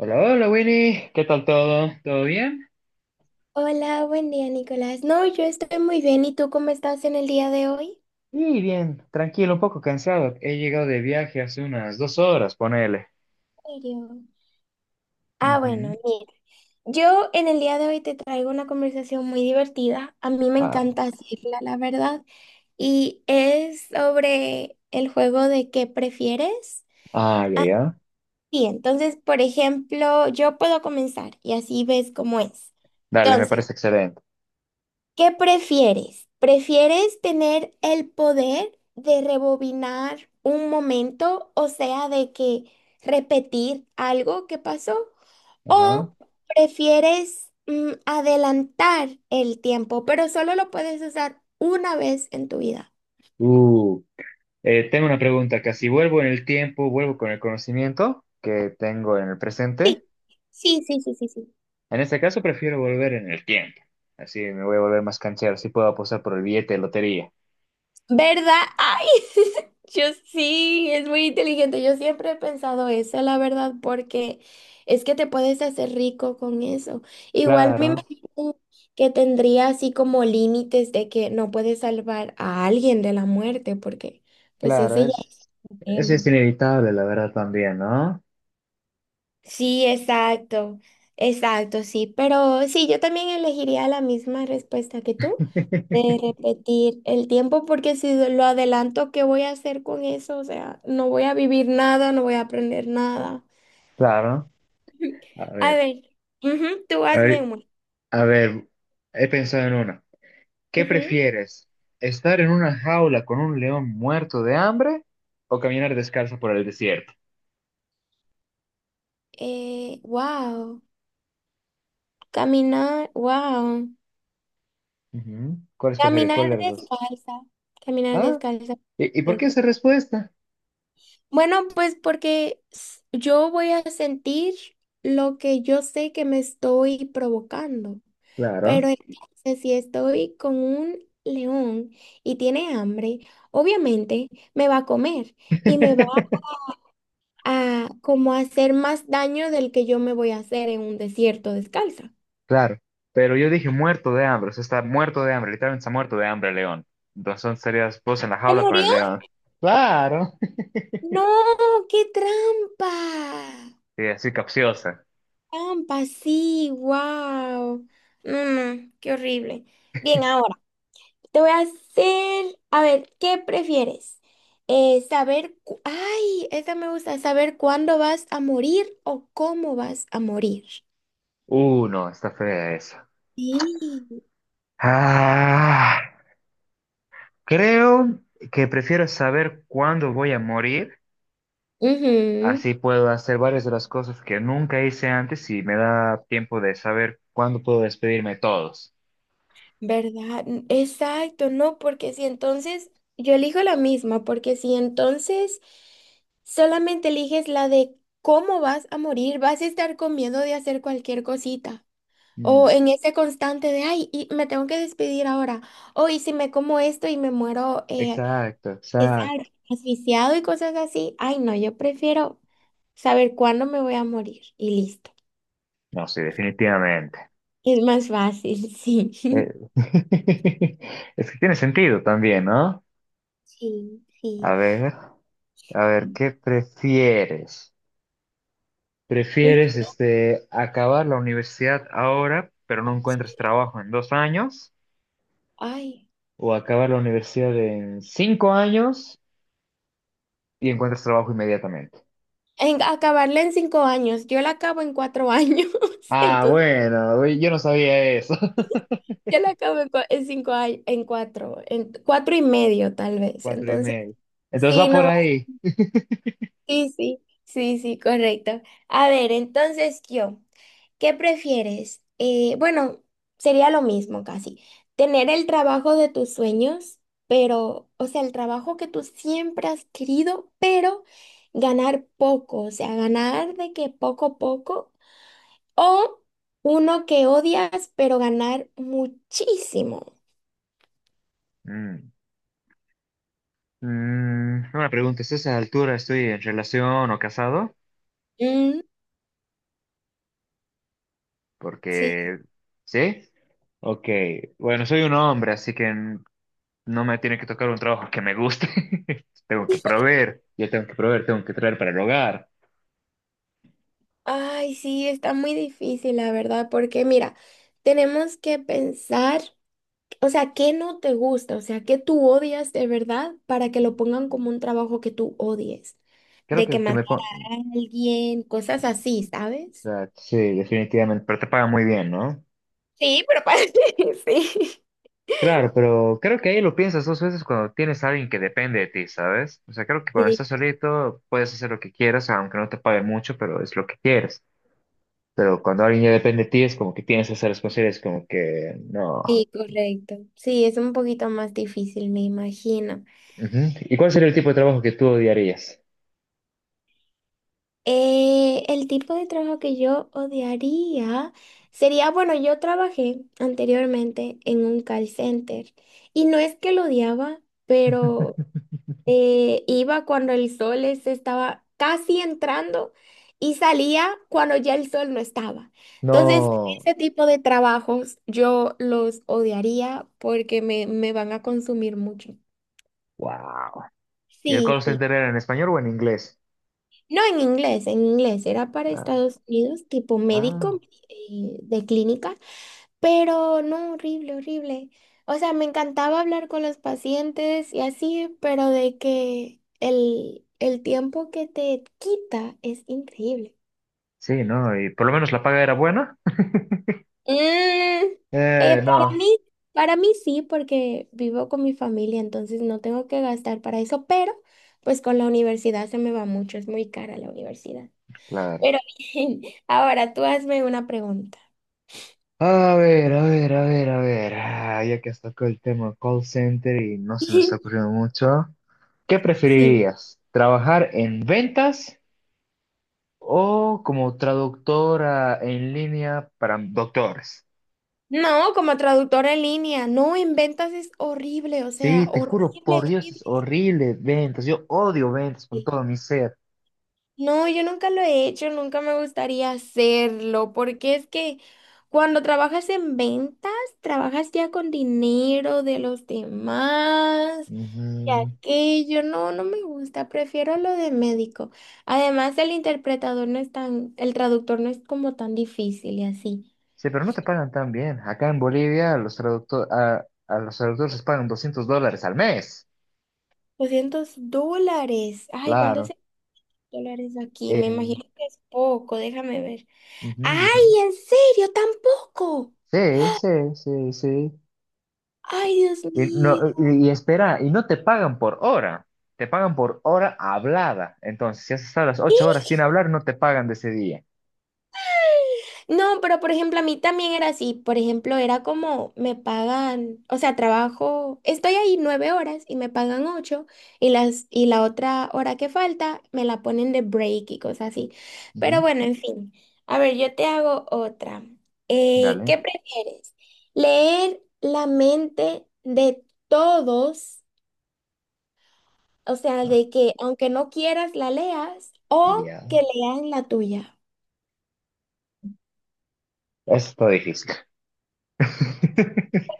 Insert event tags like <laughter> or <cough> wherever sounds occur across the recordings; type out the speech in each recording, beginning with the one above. Hola, hola Winnie, ¿qué tal todo? ¿Todo bien? Hola, buen día, Nicolás. No, yo estoy muy bien. ¿Y tú cómo estás en el día de hoy? Y bien, tranquilo, un poco cansado. He llegado de viaje hace unas 2 horas, ponele. ¿En serio? Ah, bueno, Ujú. mira, yo en el día de hoy te traigo una conversación muy divertida. A mí me Ah, encanta hacerla, la verdad. Y es sobre el juego de qué prefieres. Ah, ya, ya. Sí, entonces, por ejemplo, yo puedo comenzar y así ves cómo es. Dale, me Entonces, parece excelente. ¿qué prefieres? ¿Prefieres tener el poder de rebobinar un momento, o sea, de que repetir algo que pasó? ¿O Ajá. prefieres adelantar el tiempo, pero solo lo puedes usar una vez en tu vida? Uh, tengo una pregunta acá. Si vuelvo en el tiempo, vuelvo con el conocimiento que tengo en el presente. Sí, sí, sí, sí, sí, sí. En este caso, prefiero volver en el tiempo. Así me voy a volver más canchero. Así puedo apostar por el billete de lotería. ¿Verdad? Ay, <laughs> yo sí, es muy inteligente. Yo siempre he pensado eso, la verdad, porque es que te puedes hacer rico con eso. Igual me Claro, imagino que tendría así como límites de que no puedes salvar a alguien de la muerte, porque pues claro, ese ya es es, un eso tema. es inevitable, la verdad, también, ¿no? Sí, exacto, exacto, sí, pero sí, yo también elegiría la misma respuesta que tú, <laughs> de repetir el tiempo, porque si lo adelanto, ¿qué voy a hacer con eso? O sea, no voy a vivir nada, no voy a aprender nada. Claro. A <laughs> A ver, ver, ujú, tú a hazme ver, uno. a ver, he pensado en una. ¿Qué Ujú. prefieres? ¿Estar en una jaula con un león muerto de hambre o caminar descalzo por el desierto? Eh, wow, wow, Ujú. ¿Cuál escogerías? caminar ¿Cuál de las dos? descalza, caminar ¿Ah? descalza, ¿Y por qué ¿cierto? esa respuesta? Bueno, pues porque yo voy a sentir lo que yo sé que me estoy provocando. Pero Claro, entonces, si estoy con un león y tiene hambre, obviamente me va a comer y me va <laughs> a como hacer más daño del que yo me voy a hacer en un desierto descalza. claro. Pero yo dije muerto de hambre, o sea, está muerto de hambre, literalmente está muerto de hambre el león. Entonces serías vos en la ¿Se jaula con murió? el león. Claro. No, qué trampa. Sí, así capciosa. Trampa, sí, wow. No, no, qué horrible. Bien, ahora. Te voy a hacer, a ver, ¿qué prefieres? Saber, ay, esa me gusta, saber cuándo vas a morir o cómo vas a morir. No, está fea esa. Sí. Ah. Creo que prefiero saber cuándo voy a morir, Ujú, así puedo hacer varias de las cosas que nunca hice antes y me da tiempo de saber cuándo puedo despedirme de todos. ¿verdad? Exacto, no, porque si entonces, yo elijo la misma, porque si entonces solamente eliges la de cómo vas a morir, vas a estar con miedo de hacer cualquier cosita. O Mm, en ese constante de, ay, y me tengo que despedir ahora. O y si me como esto y me muero exacto, exacto. estar asfixiado y cosas así. Ay, no, yo prefiero saber cuándo me voy a morir y listo. No, sí, definitivamente. Es más fácil, <laughs> Eh, sí. <laughs> es que tiene sentido también, ¿no? Sí, A sí. ver, a ver, ¿qué prefieres? Mm, ¿Prefieres acabar la universidad ahora, pero no encuentras trabajo en 2 años? Ay, O acabas la universidad en 5 años y encuentras trabajo inmediatamente. Acabarla en cinco años. Yo la acabo en 4 años. <laughs> Ah, Entonces, bueno, uy, yo no sabía eso. <laughs> yo la acabo en cinco años, en 4, en 4 y medio tal vez. Cuatro y Entonces, medio. Entonces sí, va por no. ahí. Sí, sí, sí, sí, correcto. A ver, entonces yo, ¿qué prefieres? Bueno, sería lo mismo casi. Tener el trabajo de tus sueños, pero, o sea, el trabajo que tú siempre has querido, pero ganar poco, o sea, ganar de que poco a poco, o uno que odias, pero ganar muchísimo. Mm. Mm, una pregunta, ¿es a esa altura estoy en relación o casado? Mm, sí. Porque, ¿sí? Ok, bueno, soy un hombre, así que no me tiene que tocar un trabajo que me guste. <laughs> Tengo que proveer, tengo que traer para el hogar. Ay, sí, está muy difícil, la verdad, porque mira, tenemos que pensar. O sea, ¿qué no te gusta? O sea, ¿qué tú odias de verdad para que lo pongan como un trabajo que tú odies? Creo De que que, matar o a alguien, cosas así, ¿sabes? sea, sí, definitivamente, pero te paga muy bien, ¿no? Sí, pero parece, <laughs> sí. Claro, pero creo que ahí lo piensas dos veces cuando tienes a alguien que depende de ti, ¿sabes? O sea, creo que cuando estás Sí, solito puedes hacer lo que quieras, aunque no te pague mucho, pero es lo que quieres. Pero cuando alguien ya depende de ti es como que tienes que ser responsable, es como que no. sí, correcto. Sí, es un poquito más difícil, me imagino. Ujú. ¿Y cuál sería el tipo de trabajo que tú odiarías? El tipo de trabajo que yo odiaría sería, bueno, yo trabajé anteriormente en un call center y no es que lo odiaba, pero <laughs> iba cuando el sol estaba casi entrando y salía cuando ya el sol no estaba. Entonces, No. ese tipo de trabajos yo los odiaría porque me van a consumir mucho. Wow. ¿Y el Sí, call sí. center era en español o en inglés? No en inglés, en inglés. Era para Ah, Estados Unidos, tipo ah. médico de clínica. Pero no, horrible, horrible. O sea, me encantaba hablar con los pacientes y así, pero de que el tiempo que te quita es increíble. Sí, ¿no? ¿Y por lo menos la paga era buena? Mm, Eh, para No. mí, para mí sí, porque vivo con mi familia, entonces no tengo que gastar para eso, pero pues con la universidad se me va mucho, es muy cara la universidad. Claro. Pero <laughs> bien, ahora tú hazme una pregunta. A ver. Ah, ya que has tocado el tema call center y no se me está <laughs> ocurriendo mucho. ¿Qué Sí. preferirías? ¿Trabajar en ventas o como traductora en línea para doctores? No, como traductora en línea. No, en ventas es horrible, o sea, Sí, te juro, horrible, por Dios, es horrible. horrible ventas. Yo odio ventas con todo mi ser. No, yo nunca lo he hecho, nunca me gustaría hacerlo, porque es que cuando trabajas en ventas, trabajas ya con dinero de los demás y Ujú. aquello. No, no me gusta, prefiero lo de médico. Además, el interpretador no es tan, el traductor no es como tan difícil y así. Sí, pero no te pagan tan bien. Acá en Bolivia a los traductores les pagan $200 al mes. $200. Ay, ¿cuánto Claro. dólares aquí, me Eh, imagino que es poco, déjame ver. ujú, ujú. ¡Ay, en serio, tampoco! Sí, sí, sí, sí. ¡Ay, Dios mío! y espera, y no te pagan por hora, te pagan por hora hablada. Entonces, si has estado las <laughs> 8 horas sin hablar, no te pagan de ese día. No, pero por ejemplo, a mí también era así. Por ejemplo, era como me pagan, o sea, trabajo, estoy ahí 9 horas y me pagan ocho y la otra hora que falta me la ponen de break y cosas así. Pero Ujú, bueno, en fin. A ver, yo te hago otra. Eh, dale. ¿qué prefieres? ¿Leer la mente de todos? O sea, Ah, de que aunque no quieras, la leas o ya. que leas la tuya. Eso está difícil. <laughs>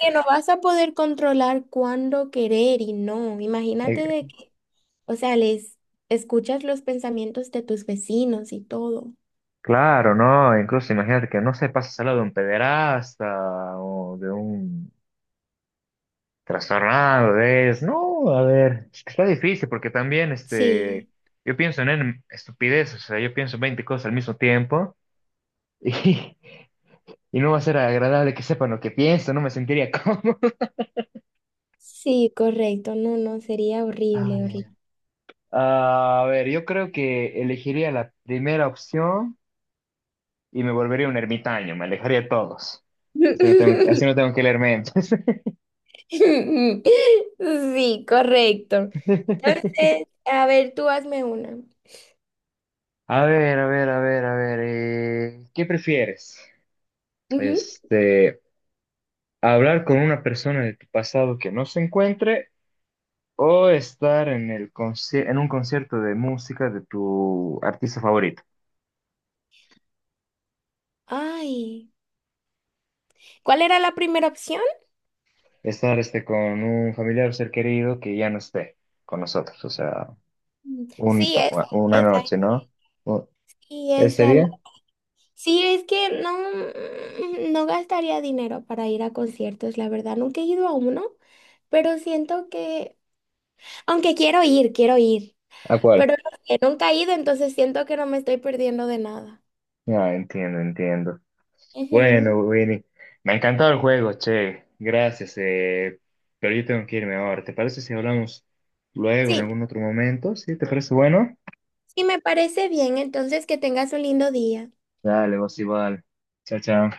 Que no vas a poder controlar cuándo querer y no. Imagínate Eh, de que, o sea, les escuchas los pensamientos de tus vecinos y todo. claro, ¿no? Incluso imagínate que no se pasa al lado de un pederasta o de un trastornado de eso. No, a ver, es que está difícil porque también Sí, yo pienso en estupideces, o sea, yo pienso 20 cosas al mismo tiempo. <laughs> Y, y no va a ser agradable que sepan lo que pienso, no me sentiría <laughs> cómodo. sí, correcto. No, no, sería A horrible, ver. horrible. A ver, yo creo que elegiría la primera opción y me volvería un ermitaño, me alejaría de todos. Así no <laughs> tengo que leer mentes. Sí, correcto. <laughs> Entonces, a ver, tú hazme una. A ver. ¿Qué prefieres? Ujú. Este, hablar con una persona de tu pasado que no se encuentre o estar en en un concierto de música de tu artista favorito. Ay, ¿cuál era la primera opción? Estar con un familiar o ser querido que ya no esté con nosotros, o sea, Mm, un, sí, esa, una esa, noche, ¿no? O- Y ¿Ese esa la- día? sí, es que no, no gastaría dinero para ir a conciertos, la verdad. Nunca he ido a uno, pero siento que, aunque quiero ir, ¿A cuál? pero los que nunca he ido, entonces siento que no me estoy perdiendo de nada. Ah, entiendo, entiendo. Ujú. Bueno, Winnie, me ha encantado el juego, che, gracias, pero yo tengo que irme ahora. ¿Te parece si hablamos luego en Sí, algún otro momento? ¿Sí? ¿Te parece bueno? sí, me parece bien, entonces que tengas un lindo día. Dale, vos igual. Chao, chao.